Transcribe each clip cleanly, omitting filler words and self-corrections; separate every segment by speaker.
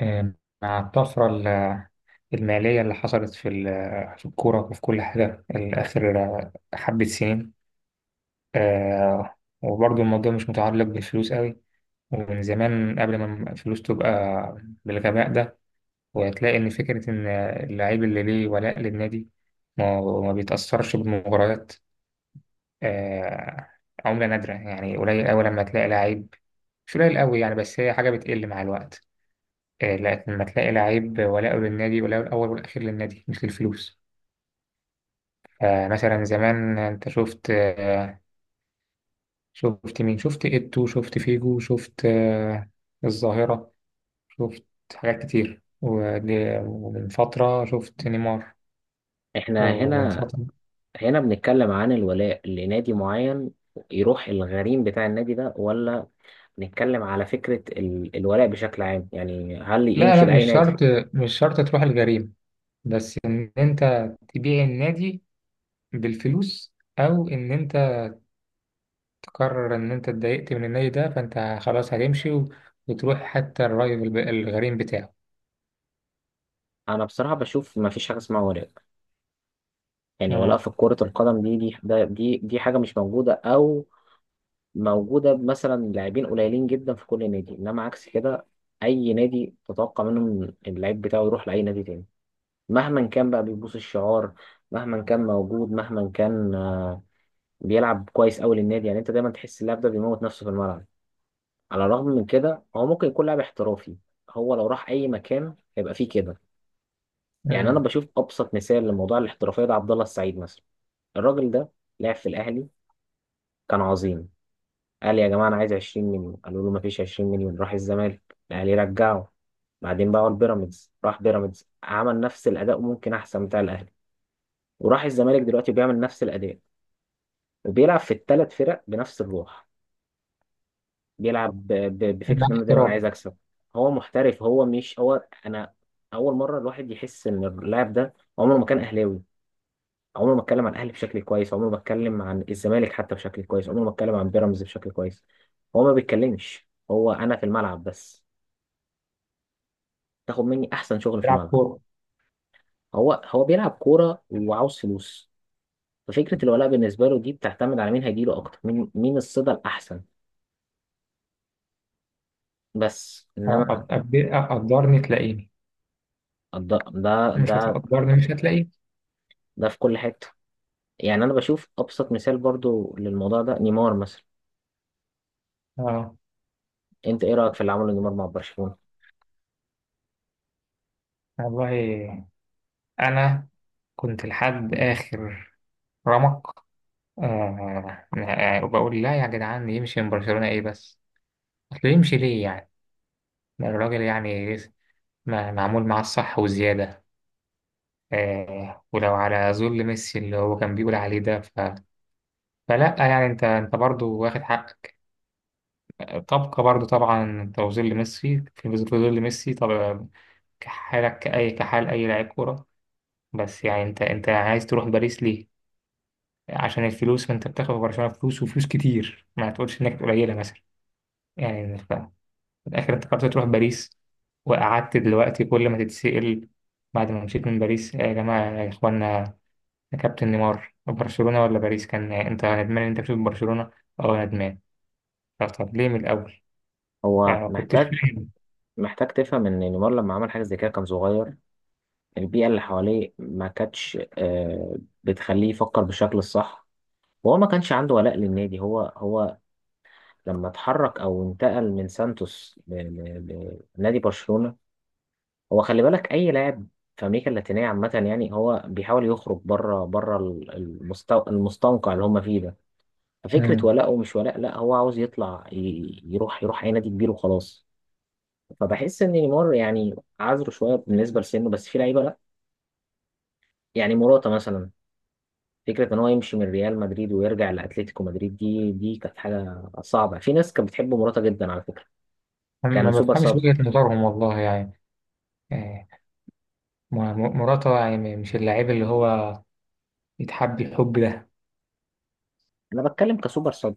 Speaker 1: آه، مع الطفرة المالية اللي حصلت في في الكورة وفي كل حاجة الآخر حبة سنين. آه، وبرضه الموضوع مش متعلق بالفلوس قوي، ومن زمان قبل ما الفلوس تبقى بالغباء ده. وهتلاقي إن فكرة إن اللعيب اللي ليه ولاء للنادي ما بيتأثرش بالمباريات آه، عملة نادرة، يعني قليل أوي لما تلاقي لعيب. مش قليل أوي يعني، بس هي حاجة بتقل مع الوقت. لما تلاقي لعيب ولاؤه للنادي، ولاؤه الأول والأخير للنادي مش للفلوس. فمثلا زمان أنت شفت شفت مين، شفت إيتو، شفت فيجو، شفت الظاهرة، شفت حاجات كتير ومن فترة شفت نيمار.
Speaker 2: احنا
Speaker 1: ومن
Speaker 2: هنا
Speaker 1: فترة
Speaker 2: هنا بنتكلم عن الولاء لنادي معين، يروح الغريم بتاع النادي ده، ولا نتكلم على فكرة الولاء بشكل عام؟ يعني هل
Speaker 1: لا
Speaker 2: يمشي
Speaker 1: لا، مش
Speaker 2: لأي
Speaker 1: شرط،
Speaker 2: نادي؟
Speaker 1: مش شرط تروح الجريمة، بس إن أنت تبيع النادي بالفلوس، أو إن أنت قرر إن أنت اتضايقت من النادي ده فأنت خلاص هتمشي وتروح حتى الرايفل الغريم بتاعه.
Speaker 2: انا بصراحة بشوف ما فيش حاجة اسمها ولاء. يعني ولاء
Speaker 1: امم.
Speaker 2: في كرة القدم دي دي ده- دي دي حاجة مش موجودة، او موجودة مثلا لاعبين قليلين جدا في كل نادي، انما عكس كده اي نادي تتوقع منه إن اللعيب بتاعه يروح لأي نادي تاني مهما كان بقى بيبوس الشعار، مهما كان موجود، مهما كان بيلعب كويس قوي للنادي. يعني انت دايما تحس اللاعب ده بيموت نفسه في الملعب، على الرغم من كده هو ممكن يكون لاعب احترافي. هو لو راح اي مكان هيبقى فيه كده. يعني انا
Speaker 1: امم.
Speaker 2: بشوف ابسط مثال لموضوع الاحترافيه ده عبد الله السعيد مثلا. الراجل ده لعب في الاهلي، كان عظيم، قال يا جماعه انا عايز 20 مليون، قالوا له مفيش 20 مليون، راح الزمالك، الاهلي رجعه، بعدين باعوا البيراميدز، راح بيراميدز، عمل نفس الاداء وممكن احسن بتاع الاهلي، وراح الزمالك دلوقتي بيعمل نفس الاداء، وبيلعب في الثلاث فرق بنفس الروح. بيلعب ب- ب-
Speaker 1: ده
Speaker 2: بفكره ان انا دايما
Speaker 1: احتراف.
Speaker 2: عايز اكسب. هو محترف. هو مش هو انا. اول مره الواحد يحس ان اللاعب ده عمره ما كان اهلاوي، عمره ما اتكلم عن الاهلي بشكل كويس، عمره ما اتكلم عن الزمالك حتى بشكل كويس، عمره ما اتكلم عن بيراميدز بشكل كويس. هو ما بيتكلمش، هو انا في الملعب بس. تاخد مني احسن شغل في
Speaker 1: بيلعب
Speaker 2: الملعب.
Speaker 1: كورة.
Speaker 2: هو بيلعب كوره وعاوز فلوس. ففكره الولاء بالنسبه له دي بتعتمد على مين هيجيله اكتر، مين الصدى الاحسن. بس انما
Speaker 1: قدرني تلاقيني،
Speaker 2: الض- ده
Speaker 1: مش
Speaker 2: ده
Speaker 1: هتقدرني، مش هتلاقيني.
Speaker 2: ده في كل حته. يعني انا بشوف ابسط مثال برضو للموضوع ده نيمار مثلا.
Speaker 1: اه،
Speaker 2: انت ايه رايك في اللي عمله نيمار مع برشلونه؟
Speaker 1: والله أنا كنت لحد آخر رمق. وبقول لا يا جدعان، يمشي من برشلونة إيه بس؟ أصل يمشي ليه يعني؟ ده الراجل يعني ما معمول معاه الصح وزيادة. آه، ولو على ذل ميسي اللي هو كان بيقول عليه ده ف... فلا يعني، انت برضه واخد حقك، طبقة برضه طبعا، انت وذل ميسي في ظل ميسي طبعا، كحالك كأي كحال أي لاعب كورة. بس يعني انت عايز تروح باريس ليه؟ عشان الفلوس؟ ما انت بتاخد في برشلونة فلوس وفلوس كتير، ما تقولش انك قليلة مثلا. يعني ف... في الآخر انت قررت تروح باريس، وقعدت دلوقتي كل ما تتسأل بعد ما مشيت من باريس، يا جماعة يا إخوانا، يا كابتن نيمار، برشلونة ولا باريس؟ كان انت ندمان إن انت بتشوف برشلونة. اه ندمان. طب طب ليه من الاول يعني؟
Speaker 2: هو
Speaker 1: ما كنتش
Speaker 2: محتاج،
Speaker 1: فاهم.
Speaker 2: محتاج تفهم ان نيمار لما عمل حاجه زي كده كان صغير. البيئه اللي حواليه ما كانتش بتخليه يفكر بالشكل الصح، وهو ما كانش عنده ولاء للنادي. هو لما اتحرك او انتقل من سانتوس لنادي برشلونه. هو خلي بالك اي لاعب في امريكا اللاتينيه عامه يعني هو بيحاول يخرج بره بره المستنقع اللي هم فيه ده. ففكرة
Speaker 1: أمم.
Speaker 2: ولاء ومش ولاء لا، هو عاوز يطلع يروح أي نادي كبير وخلاص. فبحس إن نيمار يعني عذره شوية بالنسبة لسنه، بس في لعيبة لا. يعني موراتا مثلا، فكرة إن هو يمشي من ريال مدريد ويرجع لأتلتيكو مدريد دي كانت حاجة صعبة. في ناس كانت بتحب موراتا جدا على فكرة.
Speaker 1: ما
Speaker 2: كان سوبر
Speaker 1: بفهمش
Speaker 2: صاب.
Speaker 1: وجهة نظرهم والله يعني. آه، مراته يعني، مش اللاعب اللي هو يتحب الحب ده.
Speaker 2: أنا بتكلم كسوبر صاب،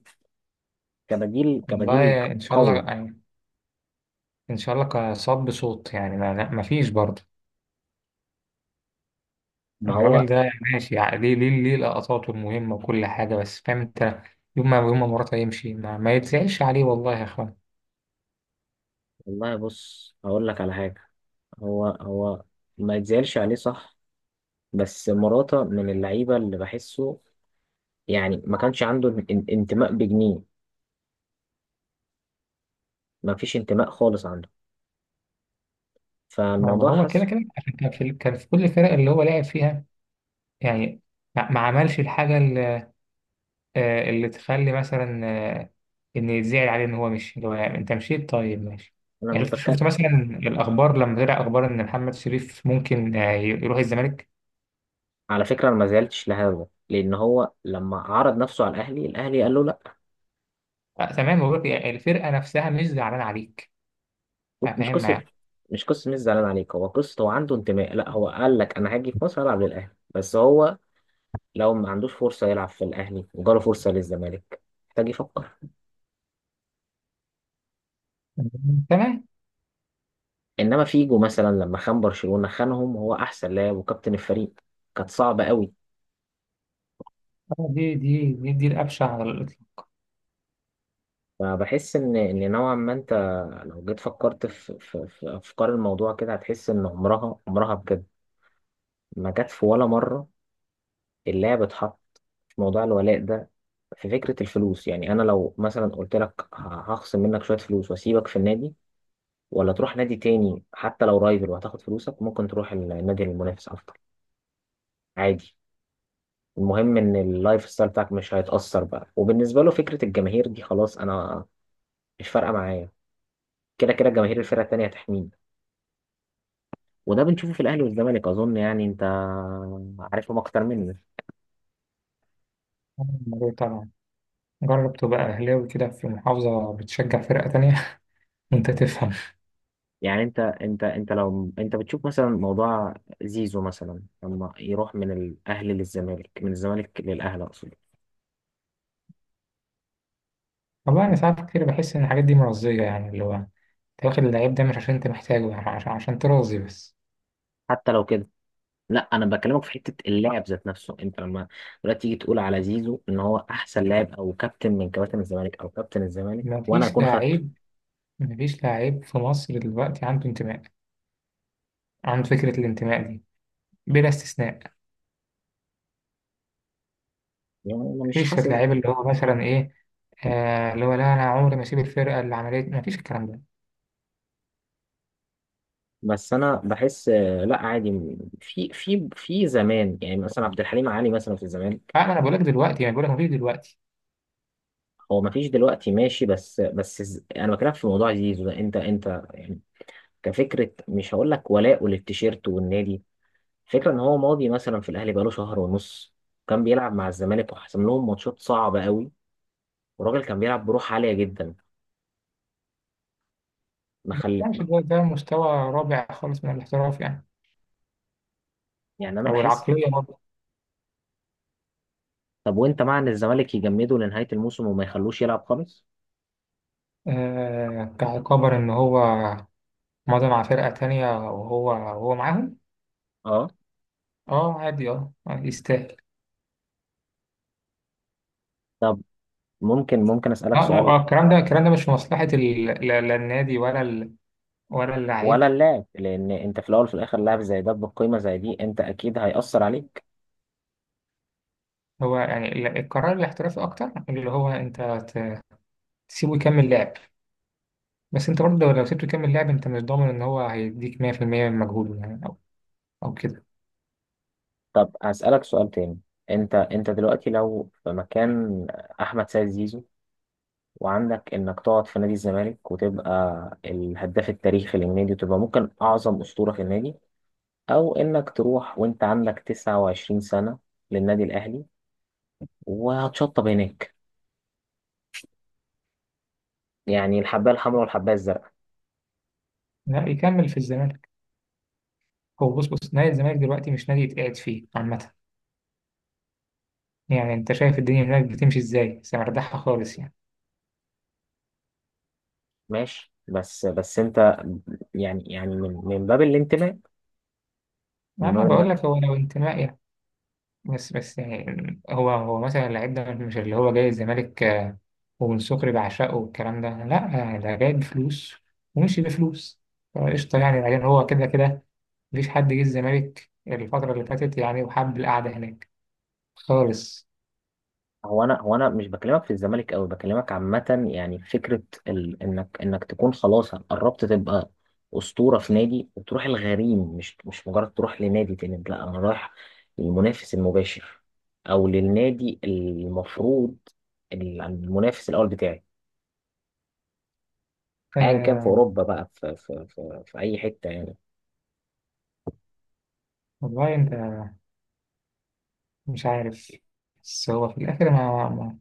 Speaker 2: كبديل
Speaker 1: والله ان شاء الله
Speaker 2: قوي.
Speaker 1: يعني، ان شاء الله كصاب صوت يعني، ما, لا، ما فيش برضه.
Speaker 2: ما
Speaker 1: الراجل
Speaker 2: هو
Speaker 1: ده ماشي يعني، ليه ليه ليه لقطاته المهمة وكل حاجة، بس فاهم انت، يوم ما يوم ما مراته يمشي ما يتزعلش عليه والله يا اخوان.
Speaker 2: والله بص هقول لك على حاجة. هو ما يتزعلش عليه صح، بس موراتا من اللعيبة اللي بحسه يعني ما كانش عنده انتماء بجنيه. ما فيش انتماء خالص عنده.
Speaker 1: ما ما
Speaker 2: فالموضوع
Speaker 1: هو
Speaker 2: حس.
Speaker 1: كده كده عشان كان في كان في كل الفرق اللي هو لعب فيها يعني، ما ما عملش الحاجة اللي تخلي مثلا، آه، إن يتزعل عليه إن هو مشي، اللي هو يعني أنت مشيت طيب ماشي.
Speaker 2: انا
Speaker 1: يعني
Speaker 2: مش
Speaker 1: شفت
Speaker 2: بتكلم
Speaker 1: شفت مثلا الأخبار لما طلع أخبار إن محمد شريف ممكن يروح الزمالك.
Speaker 2: على فكره. انا ما زعلتش لهذا لان هو لما عرض نفسه على الاهلي قال له لا.
Speaker 1: تمام، بقول لك يعني الفرقة نفسها مش زعلانة عليك.
Speaker 2: لا مش
Speaker 1: فاهمنا
Speaker 2: قصه
Speaker 1: يعني.
Speaker 2: مش قصه مش زعلان عليك. هو قصه هو عنده انتماء؟ لا، هو قال لك انا هاجي في مصر العب للاهلي، بس هو لو ما عندوش فرصه يلعب في الاهلي وجاله فرصه للزمالك محتاج يفكر.
Speaker 1: تمام.
Speaker 2: انما فيجو مثلا لما خان برشلونه، خانهم هو احسن لاعب وكابتن الفريق، كانت صعبه قوي.
Speaker 1: آه، دي دي دي الأبشع على الإطلاق.
Speaker 2: فبحس ان ان نوعا ما انت لو جيت فكرت في افكار الموضوع كده هتحس ان عمرها عمرها بجد ما جت في ولا مره اللي هي بتحط موضوع الولاء ده في فكره الفلوس. يعني انا لو مثلا قلت لك هخصم منك شويه فلوس واسيبك في النادي، ولا تروح نادي تاني حتى لو رايفل وهتاخد فلوسك، ممكن تروح النادي المنافس افضل، عادي. المهم ان اللايف ستايل بتاعك مش هيتاثر بقى. وبالنسبه له فكره الجماهير دي خلاص، انا مش فارقه معايا، كده كده جماهير الفرقه التانيه هتحميني. وده بنشوفه في الاهلي والزمالك اظن. يعني انت عارفهم اكتر مني.
Speaker 1: آه، طبعا، جرب تبقى أهلاوي كده في محافظة بتشجع فرقة تانية وأنت تفهم.
Speaker 2: يعني انت لو انت بتشوف مثلا موضوع زيزو مثلا لما يروح من الاهلي للزمالك، من الزمالك للاهلي اقصد،
Speaker 1: والله أنا ساعات كتير بحس إن الحاجات دي مرضية، يعني اللي هو أنت واخد اللعيب ده مش عشان أنت محتاجه يعني، عشان عشان ترازي بس.
Speaker 2: حتى لو كده لا انا بكلمك في حته اللاعب ذات نفسه. انت لما دلوقتي تيجي تقول على زيزو ان هو احسن لاعب، او كابتن من كباتن الزمالك او كابتن الزمالك، وانا
Speaker 1: مفيش
Speaker 2: اكون
Speaker 1: لعيب،
Speaker 2: خدته،
Speaker 1: مفيش لعيب في مصر دلوقتي عنده انتماء، عنده فكرة الانتماء دي، بلا استثناء.
Speaker 2: يعني انا مش
Speaker 1: مفيش
Speaker 2: حاسس.
Speaker 1: لعيب اللي هو مثلا إيه، آه اللي هو لا أنا عمري ما أسيب الفرقة اللي عملت، مفيش الكلام ده.
Speaker 2: بس انا بحس لا، عادي. في زمان يعني مثلا عبد الحليم علي مثلا في الزمالك.
Speaker 1: آه ما أنا بقولك دلوقتي، ما بقولك مفيش دلوقتي.
Speaker 2: هو ما فيش دلوقتي ماشي، بس انا بكلمك في موضوع زيزو ده، انت يعني كفكره. مش هقول لك ولاءه للتيشيرت والنادي، فكره ان هو ماضي مثلا في الاهلي بقاله شهر ونص، كان بيلعب مع الزمالك وحسم لهم ماتشات صعبه قوي، والراجل كان بيلعب بروح عاليه جدا. ما خل...
Speaker 1: ماشي،
Speaker 2: ما-
Speaker 1: دلوقتي ده مستوى رابع خالص من الاحتراف يعني،
Speaker 2: يعني انا
Speaker 1: أو
Speaker 2: بحس،
Speaker 1: العقلية برضه.
Speaker 2: طب وانت مع ان الزمالك يجمده لنهايه الموسم وما يخلوش يلعب خالص؟
Speaker 1: آه كعقابر إن هو مضى مع فرقة تانية وهو وهو معاهم.
Speaker 2: اه.
Speaker 1: اه عادي، اه آه، يستاهل.
Speaker 2: طب ممكن اسالك
Speaker 1: اه
Speaker 2: سؤال؟
Speaker 1: الكلام ده الكلام ده مش في مصلحة لا لا النادي، ولا ولا اللعيب.
Speaker 2: ولا اللاعب، لان انت في الاول وفي الاخر لاعب زي ده بقيمه زي دي، انت اكيد هيأثر عليه.
Speaker 1: هو يعني القرار الاحترافي اكتر، اللي هو انت تسيبه يكمل لعب. بس انت برضه لو لو سيبته يكمل لعب انت مش ضامن ان هو هيديك 100% من مجهوده يعني، او او كده.
Speaker 2: طب هسألك سؤال تاني. انت دلوقتي لو في مكان احمد سيد زيزو، وعندك انك تقعد في نادي الزمالك وتبقى الهداف التاريخي للنادي وتبقى ممكن اعظم اسطورة في النادي، او انك تروح وانت عندك 29 سنة للنادي الاهلي وهتشطب هناك، يعني الحباية الحمراء والحباية الزرقاء.
Speaker 1: لا يكمل في الزمالك. هو بص بص نادي الزمالك دلوقتي مش نادي يتقعد فيه عامة، يعني انت شايف الدنيا هناك بتمشي ازاي، بس مرتاحة خالص يعني.
Speaker 2: ماشي، بس انت يعني، يعني من من باب الانتماء، من
Speaker 1: ما ما بقول
Speaker 2: باب.
Speaker 1: لك هو لو انتماء يعني، بس بس يعني هو هو مثلا اللعيب ده مش اللي هو جاي الزمالك ومن سكري بعشقه والكلام ده، لا آه، ده جاي بفلوس ومشي بفلوس، فقشطة يعني. بعدين هو كده كده مفيش حد جه الزمالك الفترة اللي فاتت يعني وحب القعدة هناك خالص.
Speaker 2: هو انا مش بكلمك في الزمالك قوي، بكلمك عامه يعني. فكره ال... انك انك تكون خلاص قربت تبقى اسطوره في نادي وتروح الغريم، مش مجرد تروح لنادي تاني، لا انا رايح للمنافس المباشر، او للنادي المفروض المنافس الاول بتاعي. ايا كان في
Speaker 1: آه،
Speaker 2: اوروبا بقى في اي حته يعني.
Speaker 1: والله أنت مش عارف، بس هو في الآخر ما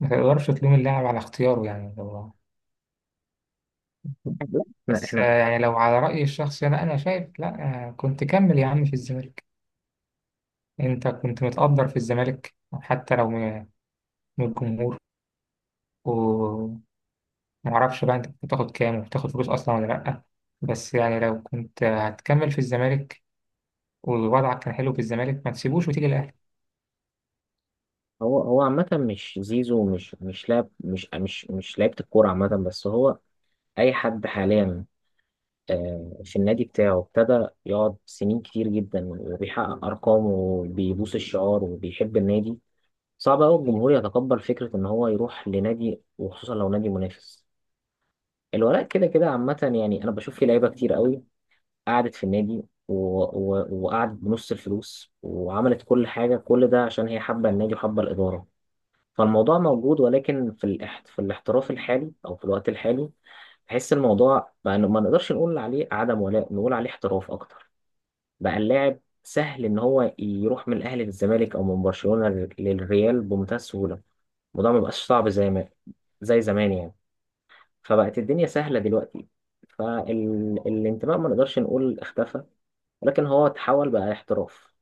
Speaker 1: ما تقدرش تلوم اللاعب على اختياره يعني، هو
Speaker 2: لا،
Speaker 1: بس
Speaker 2: احنا
Speaker 1: آه
Speaker 2: احنا
Speaker 1: يعني لو على رأيي الشخصي أنا، شايف لا، آه كنت كمل يا عم في الزمالك، انت كنت متقدر في الزمالك حتى لو من من الجمهور، ومعرفش بقى انت كنت بتاخد كام وبتاخد فلوس اصلا ولا لأ. بس يعني لو كنت هتكمل في الزمالك ووضعك كان حلو في الزمالك ما تسيبوش وتيجي الأهلي.
Speaker 2: هو عامه، مش زيزو، مش لاعب، مش لعيبه الكوره عامه. بس هو اي حد حاليا في النادي بتاعه ابتدى يقعد سنين كتير جدا وبيحقق أرقام وبيبوس الشعار وبيحب النادي، صعب أوي الجمهور يتقبل فكرة إن هو يروح لنادي وخصوصا لو نادي منافس. الولاء كده كده عامة يعني، أنا بشوف في لعيبة كتير قوي قعدت في النادي و... وقعدت بنص الفلوس وعملت كل حاجة، كل ده عشان هي حابة النادي وحابة الإدارة. فالموضوع موجود، ولكن في في الاحتراف الحالي او في الوقت الحالي بحس الموضوع بقى إنه ما نقدرش نقول عليه عدم ولاء، نقول عليه احتراف اكتر. بقى اللاعب سهل ان هو يروح من الاهلي للزمالك او من برشلونة للريال بمنتهى السهولة. الموضوع ما بقاش صعب زي ما زي زمان يعني. فبقت الدنيا سهلة دلوقتي. فالانتماء ما نقدرش نقول اختفى، ولكن هو تحول بقى احتراف.